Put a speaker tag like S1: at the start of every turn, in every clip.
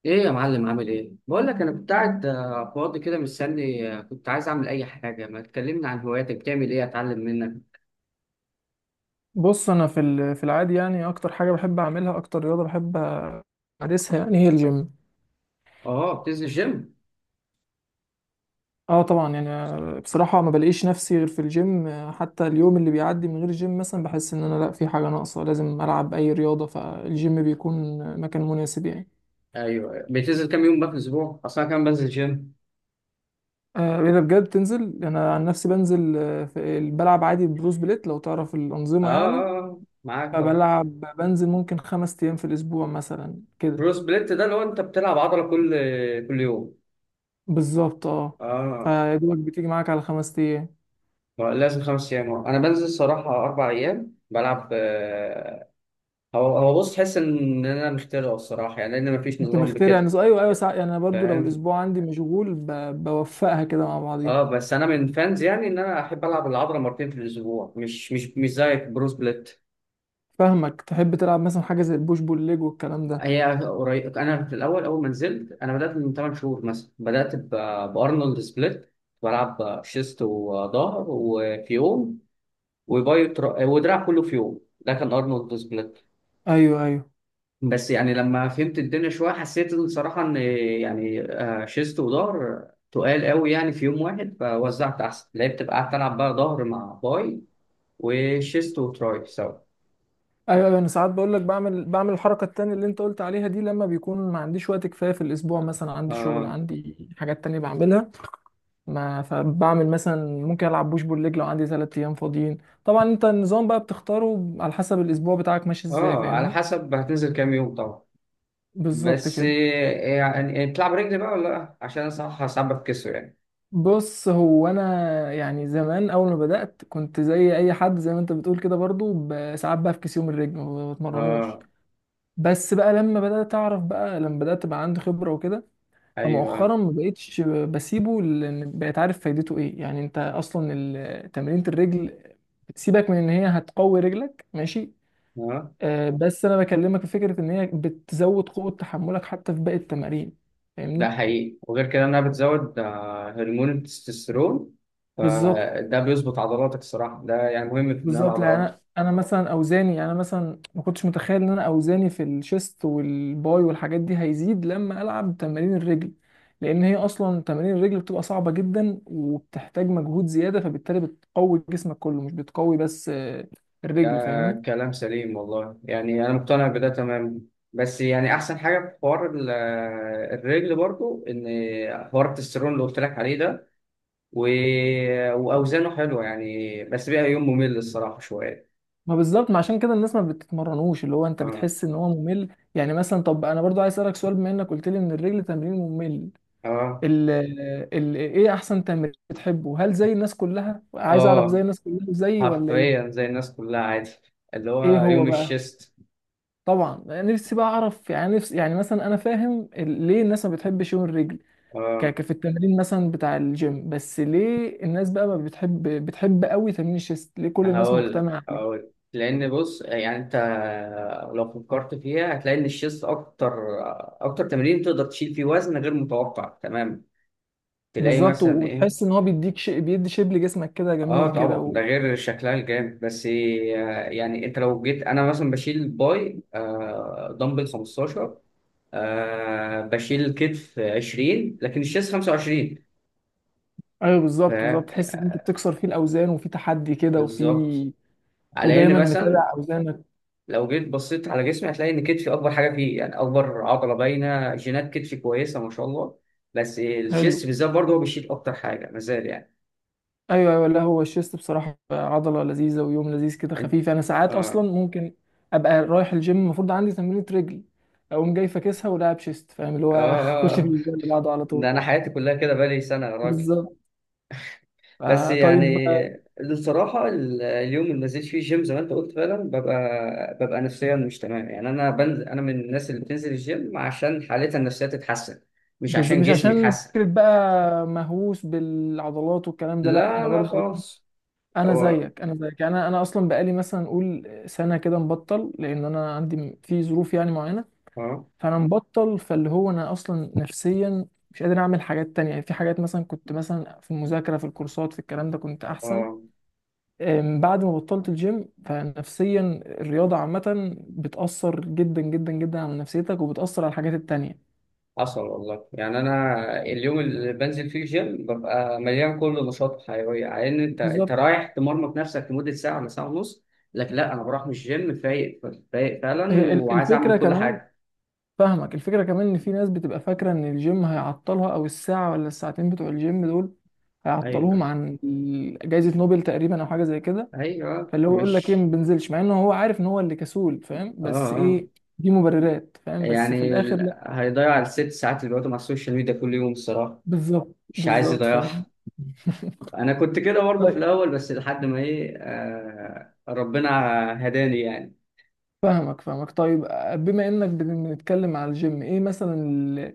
S1: ايه يا معلم؟ عامل ايه؟ بقول لك انا كنت قاعد فاضي كده مستني، كنت عايز اعمل اي حاجه. ما تكلمني عن هواياتك؟ بتعمل ايه اتعلم منك.
S2: بص، انا في العادي يعني اكتر حاجه بحب اعملها، اكتر رياضه بحب امارسها يعني هي الجيم.
S1: اه، بتنزل جيم.
S2: اه طبعا، يعني بصراحه ما بلاقيش نفسي غير في الجيم، حتى اليوم اللي بيعدي من غير الجيم مثلا بحس ان انا لا، في حاجه ناقصه لازم العب اي رياضه، فالجيم بيكون مكان مناسب يعني.
S1: ايوه، بتنزل كام يوم بقى في الاسبوع؟ اصلا كام بنزل جيم؟
S2: اذا بجد تنزل، انا عن نفسي بنزل، في بلعب عادي بروس بليت لو تعرف الانظمه يعني،
S1: معاك طبعا.
S2: فبلعب بنزل ممكن 5 ايام في الاسبوع مثلا كده.
S1: برو سبليت ده لو انت بتلعب عضله كل يوم.
S2: بالظبط اه.
S1: اه،
S2: فيا دوبك بتيجي معاك على 5 ايام.
S1: ما لازم خمس ايام. انا بنزل صراحه اربع ايام بلعب، هو بص، تحس ان انا مخترع الصراحه يعني، لان مفيش
S2: انت فاهمني
S1: نظام
S2: مخترع يعني،
S1: بكده.
S2: ايوه ايوه ساعة، يعني انا برضو لو
S1: فاهم.
S2: الاسبوع عندي مشغول بوفقها كده مع بعضيها.
S1: اه، بس انا من فانز يعني ان انا احب العب العضله مرتين في الاسبوع، مش زيك برو سبليت.
S2: فاهمك، تحب تلعب مثلا حاجه زي البوش بول ليج والكلام ده.
S1: هي قريب، انا في الاول، اول ما نزلت، انا بدات من 8 شهور مثلا. بارنولد سبليت. بلعب شيست وظهر وفي يوم، وباي ودراع كله في يوم. ده كان ارنولد سبليت.
S2: ايوه ايوه.
S1: بس يعني لما فهمت الدنيا شويه، حسيت إن صراحه ان يعني، شيست وظهر تقال قوي يعني في يوم واحد. فوزعت احسن، لعبت بقى، قعدت العب بقى ظهر مع باي، وشيست وتراي سوا.
S2: ايوه ايوه، انا ساعات بقول لك بعمل الحركه التانية اللي انت قلت عليها دي لما بيكون ما عنديش وقت كفايه في الاسبوع، مثلا عندي شغل،
S1: اه.
S2: عندي حاجات تانية بعملها، ما فبعمل مثلا ممكن العب بوش بول ليج لو عندي 3 ايام فاضيين. طبعا انت النظام بقى بتختاره على حسب الاسبوع بتاعك ماشي ازاي،
S1: اه، على
S2: فاهمني.
S1: حسب هتنزل كام يوم طبعا.
S2: بالظبط
S1: بس،
S2: كده.
S1: يعني يعني بتلعب رجل بقى ولا لا؟ عشان انا صراحه ساعات بتكسر يعني.
S2: بص هو انا يعني زمان اول ما بدات كنت زي اي حد زي ما انت بتقول كده برضو، ساعات بفكس يوم الرجل ما بتمرنوش.
S1: اه.
S2: بس بقى لما بدات اعرف بقى، لما بدات بقى عندي خبره وكده،
S1: ايوه.
S2: فمؤخرا ما بقتش بسيبه، لان بقيت عارف فايدته ايه. يعني انت اصلا تمرينة الرجل، سيبك من ان هي هتقوي رجلك ماشي،
S1: اه.
S2: بس انا بكلمك في فكره ان هي بتزود قوه تحملك حتى في باقي التمارين،
S1: ده
S2: فاهمني.
S1: حقيقي. وغير كده انها بتزود، هرمون التستوستيرون.
S2: بالظبط.
S1: فده بيظبط عضلاتك الصراحه، ده يعني مهم في بناء
S2: بالظبط، لان انا
S1: العضلات.
S2: مثلا اوزاني، يعني انا مثلا ما كنتش متخيل ان انا اوزاني في الشيست والباي والحاجات دي هيزيد لما العب تمارين الرجل، لان هي اصلا تمارين الرجل بتبقى صعبه جدا وبتحتاج مجهود زياده، فبالتالي بتقوي جسمك كله مش بتقوي بس
S1: ده
S2: الرجل، فاهمني.
S1: كلام سليم والله، يعني انا مقتنع بده تمام. بس يعني احسن حاجه في حوار الرجل برضو ان حوار التستيرون اللي قلت لك عليه ده و... واوزانه حلوه يعني. بس بقى يوم ممل الصراحه شويه.
S2: ما بالظبط، ما عشان كده الناس ما بتتمرنوش، اللي هو انت
S1: اه.
S2: بتحس ان هو ممل يعني. مثلا طب انا برضو عايز اسالك سؤال، بما انك قلت لي ان الرجل تمرين ممل،
S1: اه.
S2: ال ال ايه احسن تمرين بتحبه؟ هل زي الناس كلها؟ عايز اعرف زي
S1: اه،
S2: الناس كلها زي ولا
S1: حرفيا
S2: ايه؟
S1: زي الناس كلها عادي، اللي
S2: ايه
S1: هو
S2: هو
S1: يوم
S2: بقى؟
S1: الشيست.
S2: طبعا نفسي بقى اعرف يعني، نفسي يعني مثلا انا فاهم ليه الناس ما بتحبش يوم الرجل
S1: اه.
S2: في التمرين مثلا بتاع الجيم، بس ليه الناس بقى ما بتحب بتحب قوي تمرين الشيست؟ ليه كل الناس
S1: هقول
S2: مجتمعة عليه؟
S1: هقول لان بص يعني انت لو فكرت فيها هتلاقي ان الشيست اكتر تمرين تقدر تشيل فيه وزن غير متوقع، تمام. تلاقي
S2: بالظبط،
S1: مثلا ايه.
S2: وتحس ان هو بيديك شيء بيدي شيب لجسمك كده جميل
S1: اه
S2: كده
S1: طبعا،
S2: و...
S1: ده غير شكلها الجامد. بس، يعني انت لو جيت، انا مثلا بشيل باي آه دمبل 15، آه بشيل الكتف 20، لكن الشيست 25.
S2: ايوه بالظبط
S1: فاهم
S2: بالظبط، تحس ان انت
S1: يعني.
S2: بتكسر فيه الاوزان، وفي تحدي كده، وفي،
S1: بالظبط. على ان
S2: ودايما متابع
S1: مثلا
S2: اوزانك.
S1: لو جيت بصيت على جسمي هتلاقي ان كتفي اكبر حاجه فيه، يعني اكبر عضله باينه، جينات كتفي كويسه ما شاء الله. بس الشيست
S2: حلو.
S1: بالذات برضه هو بيشيل اكتر حاجه مازال يعني.
S2: ايوه ايوه، لا هو الشيست بصراحه عضله لذيذه، ويوم لذيذ كده
S1: يعني.
S2: خفيف، انا
S1: آه.
S2: ساعات اصلا
S1: آه.
S2: ممكن ابقى رايح الجيم المفروض عندي تمرينة رجل، اقوم جاي فاكسها ولاعب شيست، فاهم اللي
S1: آه.
S2: هو اخش في
S1: آه.
S2: الجيم اللي بعده على
S1: ده
S2: طول.
S1: انا حياتي كلها كده بقالي سنه يا راجل.
S2: بالظبط.
S1: بس
S2: آه
S1: يعني
S2: طيب.
S1: الصراحة، اليوم اللي ما نزلتش فيه الجيم زي ما انت قلت فعلا، ببقى نفسيا مش تمام. يعني انا بنزل، انا من الناس اللي بتنزل الجيم عشان حالتها النفسية تتحسن، مش عشان
S2: مش
S1: جسمي
S2: عشان
S1: يتحسن.
S2: فكره بقى مهووس بالعضلات والكلام ده، لا،
S1: لا
S2: انا
S1: لا
S2: برضو
S1: خالص.
S2: انا
S1: هو.
S2: زيك، انا زيك يعني، انا اصلا بقالي مثلا نقول سنه كده مبطل، لان انا عندي في ظروف يعني معينه،
S1: اه.
S2: فانا مبطل، فاللي هو انا اصلا نفسيا مش قادر اعمل حاجات تانية، يعني في حاجات مثلا كنت مثلا في المذاكرة في الكورسات في الكلام ده كنت احسن.
S1: اه،
S2: بعد ما بطلت الجيم فنفسيا، الرياضة عامة بتأثر جدا جدا جدا على نفسيتك، وبتأثر على الحاجات التانية.
S1: حصل والله. يعني انا اليوم اللي بنزل فيه الجيم ببقى مليان كل نشاط وحيوية، على ان انت انت
S2: بالظبط.
S1: رايح تمرمط نفسك لمدة ساعة ولا ساعة ونص. لكن لا، انا بروح من الجيم فايق، فايق فعلا،
S2: هي
S1: وعايز
S2: الفكرة
S1: اعمل كل
S2: كمان،
S1: حاجة.
S2: فاهمك، الفكرة كمان ان في ناس بتبقى فاكرة ان الجيم هيعطلها، او الساعة ولا الساعتين بتوع الجيم دول هيعطلوهم
S1: ايوه
S2: عن جايزة نوبل تقريبا، او حاجة زي كده.
S1: ايوه
S2: فاللي هو يقول لك ايه،
S1: مش.
S2: ما بنزلش، مع انه هو عارف ان هو اللي كسول، فاهم؟
S1: اه.
S2: بس
S1: اه
S2: ايه، دي مبررات، فاهم، بس في
S1: يعني
S2: الاخر لا.
S1: هيضيع الست ساعات اللي بيقعدوا مع السوشيال ميديا كل يوم الصراحه.
S2: بالظبط
S1: مش عايز
S2: بالظبط، فاهم.
S1: يضيعها. انا كنت كده برضه في
S2: طيب.
S1: الاول، بس لحد ما ايه آه ربنا هداني يعني.
S2: فاهمك فاهمك. طيب، بما انك بنتكلم على الجيم، ايه مثلا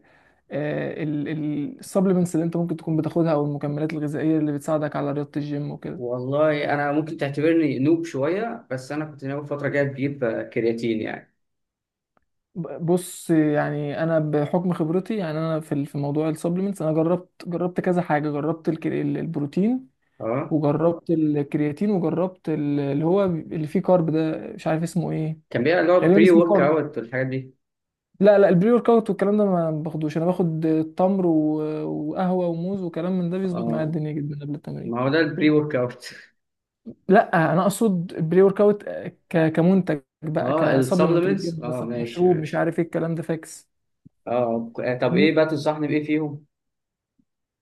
S2: السبلمنتس اللي انت ممكن تكون بتاخدها، او المكملات الغذائيه اللي بتساعدك على رياضه الجيم وكده؟
S1: والله انا ممكن تعتبرني نوب شويه، بس انا كنت ناوي فتره جايه بجيب، كرياتين يعني.
S2: بص يعني انا بحكم خبرتي، يعني انا في في موضوع السبلمنتس انا جربت كذا حاجه، جربت البروتين،
S1: اه،
S2: وجربت الكرياتين، وجربت اللي هو اللي فيه كارب ده مش عارف اسمه ايه،
S1: كان بيبقى اللي هو
S2: غالبا
S1: بري
S2: اسمه
S1: ورك
S2: كارب.
S1: اوت والحاجات دي.
S2: لا لا، البري ورك اوت والكلام ده ما باخدوش، انا باخد تمر وقهوه وموز وكلام من ده، بيظبط معايا
S1: اه،
S2: الدنيا جدا قبل
S1: ما
S2: التمرين.
S1: هو ده البري ورك اوت.
S2: لا انا اقصد البري ورك اوت كمنتج بقى،
S1: اه،
S2: كسبلمنت
S1: السبلمنتس،
S2: بتجيب
S1: اه
S2: مثلا
S1: ماشي
S2: مشروب مش
S1: ماشي.
S2: عارف ايه الكلام ده فاكس،
S1: اه، طب ايه
S2: فاهمني.
S1: بقى تنصحني بايه فيهم؟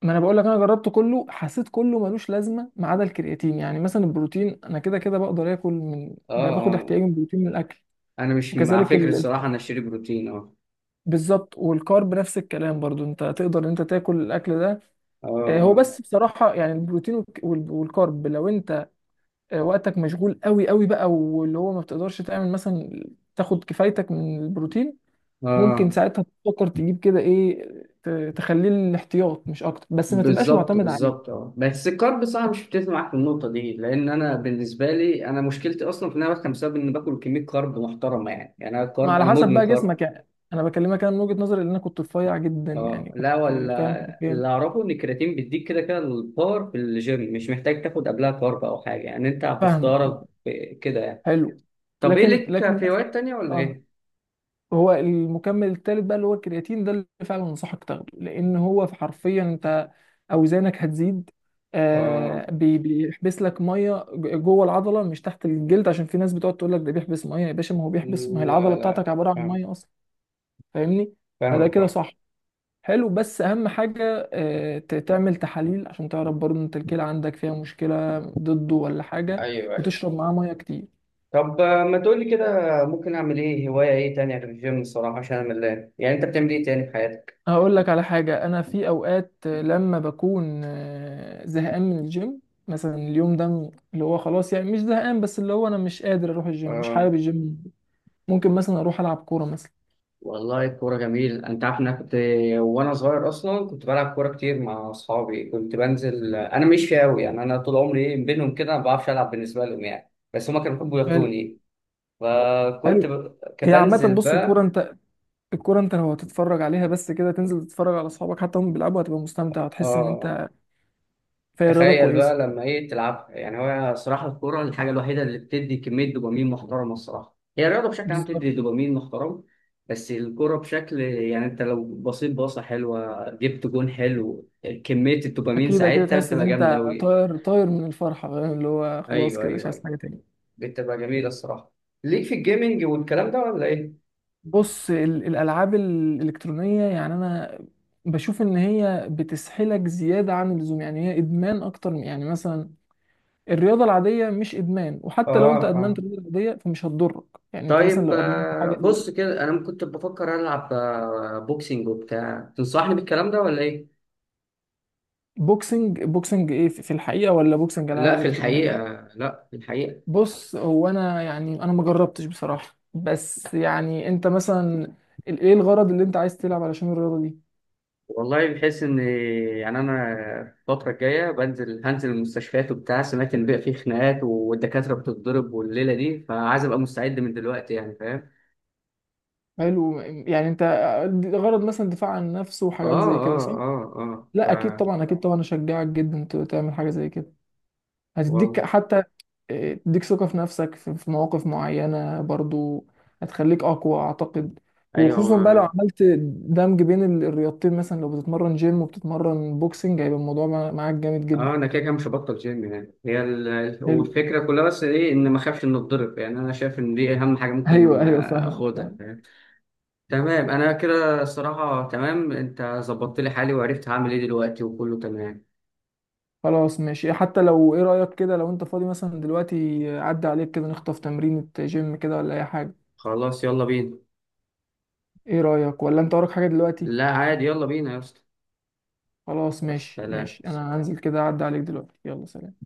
S2: ما انا بقول لك، انا جربت كله، حسيت كله ملوش لازمه ما عدا الكرياتين. يعني مثلا البروتين انا كده كده بقدر اكل، من
S1: اه.
S2: باخد احتياجي من البروتين من الاكل،
S1: انا مش مع
S2: وكذلك
S1: فكره الصراحه انا اشتري بروتين. اه.
S2: بالظبط. والكارب نفس الكلام برضو، انت تقدر ان انت تاكل الاكل ده.
S1: اه.
S2: هو
S1: اه.
S2: بس بصراحه يعني، البروتين والكارب لو انت وقتك مشغول قوي قوي بقى، واللي هو ما بتقدرش تعمل مثلا تاخد كفايتك من البروتين، ممكن
S1: اه
S2: ساعتها تفكر تجيب كده ايه، ت- تخليه الاحتياط مش اكتر، بس ما تبقاش
S1: بالظبط
S2: معتمد
S1: بالظبط.
S2: عليه.
S1: اه بس الكارب، صح، مش بتفق معاك في النقطه دي. لان انا بالنسبه لي، انا مشكلتي اصلا في ان انا بفهم بسبب ان باكل كميه كارب محترمه يعني. يعني انا
S2: ما
S1: الكارب،
S2: على
S1: انا
S2: حسب
S1: مدمن
S2: بقى
S1: كارب.
S2: جسمك يعني، انا بكلمك انا من وجهه نظري ان انا كنت رفيع جدا
S1: اه
S2: يعني،
S1: لا،
S2: كنت فاهم
S1: ولا اللي
S2: حرفيا.
S1: اعرفه ان الكرياتين بيديك كده كده الباور في الجيم، مش محتاج تاخد قبلها كارب او حاجه يعني. انت
S2: فاهمك
S1: بفطارك
S2: فاهمك.
S1: كده يعني.
S2: حلو.
S1: طب ايه؟
S2: لكن
S1: لك
S2: لكن
S1: في
S2: مثلا،
S1: هوايات تانيه ولا
S2: آه.
S1: ايه؟
S2: هو المكمل الثالث بقى اللي هو الكرياتين ده اللي فعلا انصحك تاخده، لان هو في حرفيا انت اوزانك هتزيد،
S1: اه.
S2: بيحبس لك ميه جوه العضله مش تحت الجلد، عشان في ناس بتقعد تقول لك ده بيحبس ميه يا باشا، ما هو بيحبس، ما هي
S1: لا
S2: العضله
S1: لا
S2: بتاعتك عباره عن
S1: فاهم.
S2: ميه اصلا، فاهمني. فده
S1: فاهم
S2: كده
S1: فاهم.
S2: صح. حلو، بس اهم حاجه آه تعمل تحاليل عشان تعرف برضه انت الكلى عندك فيها مشكله ضده ولا حاجه،
S1: ايوه.
S2: وتشرب معاه ميه كتير.
S1: طب، ما تقولي كده ممكن اعمل ايه؟ هواية ايه تانية غير الجيم الصراحة؟ عشان انا ملان يعني. انت بتعمل ايه تاني في حياتك؟
S2: هقول لك على حاجة، أنا في أوقات لما بكون زهقان من الجيم، مثلا اليوم ده، اللي هو خلاص يعني مش زهقان، بس اللي هو أنا مش قادر أروح الجيم، مش
S1: آه.
S2: حابب الجيم، ممكن مثلا أروح ألعب كورة مثلا.
S1: والله الكورة جميل. أنت عارف إن أنا كنت، وأنا صغير أصلا، كنت بلعب كورة كتير مع أصحابي. كنت بنزل، أنا مش أوي يعني، أنا طول عمري إيه بينهم كده، ما بعرفش ألعب بالنسبة لهم يعني. بس هما كانوا بيحبوا
S2: حلو.
S1: ياخدوني. فكنت
S2: حلو،
S1: كنت
S2: هي عامة
S1: بنزل
S2: بص الكورة
S1: بقى.
S2: أنت، الكورة أنت لو هتتفرج عليها بس كده، تنزل تتفرج على أصحابك حتى هم بيلعبوا، هتبقى مستمتع وتحس إن
S1: آه،
S2: أنت في رياضة
S1: تخيل
S2: كويسة.
S1: بقى لما ايه تلعبها يعني. هو صراحه الكوره الحاجه الوحيده اللي بتدي كميه دوبامين محترمه الصراحه. هي الرياضه بشكل عام بتدي
S2: بالظبط.
S1: دوبامين محترم، بس الكوره بشكل يعني انت لو بصيت باصه حلوه، جبت جون حلو، كميه الدوبامين
S2: أكيد أكيد،
S1: ساعتها
S2: تحس إن
S1: بتبقى
S2: أنت
S1: جامده قوي.
S2: طاير طاير من الفرحة، فاهم؟ اللي هو خلاص
S1: ايوه
S2: كده مش
S1: ايوه
S2: عايز
S1: ايوه
S2: حاجة تاني.
S1: بتبقى جميله الصراحه. ليك في الجيمنج والكلام ده ولا ايه؟
S2: بص الالعاب الالكترونيه يعني انا بشوف ان هي بتسحلك زياده عن اللزوم، يعني هي ادمان اكتر يعني مثلا الرياضه العاديه مش ادمان، وحتى لو
S1: اه.
S2: انت ادمنت
S1: اه،
S2: الرياضه العاديه فمش هتضرك. يعني انت مثلا
S1: طيب.
S2: لو ادمنت حاجه زي
S1: بص كده، انا كنت بفكر العب، بوكسينج وبتاع. تنصحني بالكلام ده ولا ايه؟
S2: بوكسنج، بوكسنج ايه؟ في في الحقيقه، ولا بوكسنج العاب
S1: لا في الحقيقه.
S2: الكترونيه؟
S1: لا في الحقيقه.
S2: بص هو انا يعني انا ما جربتش بصراحه، بس يعني انت مثلا ايه الغرض اللي انت عايز تلعب علشان الرياضه دي؟
S1: والله بحيث ان، يعني انا الفتره الجايه بنزل، هنزل المستشفيات وبتاع. سمعت ان بقى فيه خناقات والدكاتره بتتضرب والليله دي، فعايز ابقى مستعد من دلوقتي يعني. فاهم.
S2: حلو، يعني انت غرض مثلا دفاع عن النفس
S1: اه
S2: وحاجات زي كده
S1: اه
S2: صح؟
S1: اه اه ف.
S2: لا اكيد طبعا، اكيد طبعا اشجعك جدا تعمل حاجه زي كده، هتديك
S1: والله.
S2: حتى، إيه، تديك ثقه في نفسك في في مواقف معينه برضو، هتخليك اقوى اعتقد.
S1: ايوه.
S2: وخصوصا بقى لو
S1: ما
S2: عملت دمج بين الرياضتين، مثلا لو بتتمرن جيم وبتتمرن بوكسنج، هيبقى الموضوع معاك جامد جدا.
S1: اه، انا كده كده مش هبطل جيم يعني. هي
S2: حلو،
S1: والفكره كلها بس ايه، ان ما اخافش ان اتضرب. يعني انا شايف ان دي اهم حاجه
S2: ايوه
S1: ممكن
S2: ايوه فاهمك
S1: اخدها.
S2: فاهم.
S1: فاهم. تمام، انا كده الصراحه تمام، انت ظبطت لي حالي وعرفت هعمل ايه دلوقتي وكله تمام.
S2: خلاص ماشي، حتى لو ايه رايك كده لو انت فاضي مثلا دلوقتي عدى عليك كده نخطف تمرينة جيم كده ولا اي حاجه؟
S1: خلاص يلا بينا.
S2: ايه رايك، ولا انت وراك حاجه دلوقتي؟
S1: لا عادي، يلا بينا يا اسطى.
S2: خلاص
S1: بس
S2: ماشي
S1: سلام.
S2: ماشي، انا هنزل كده اعدي عليك دلوقتي، يلا سلام.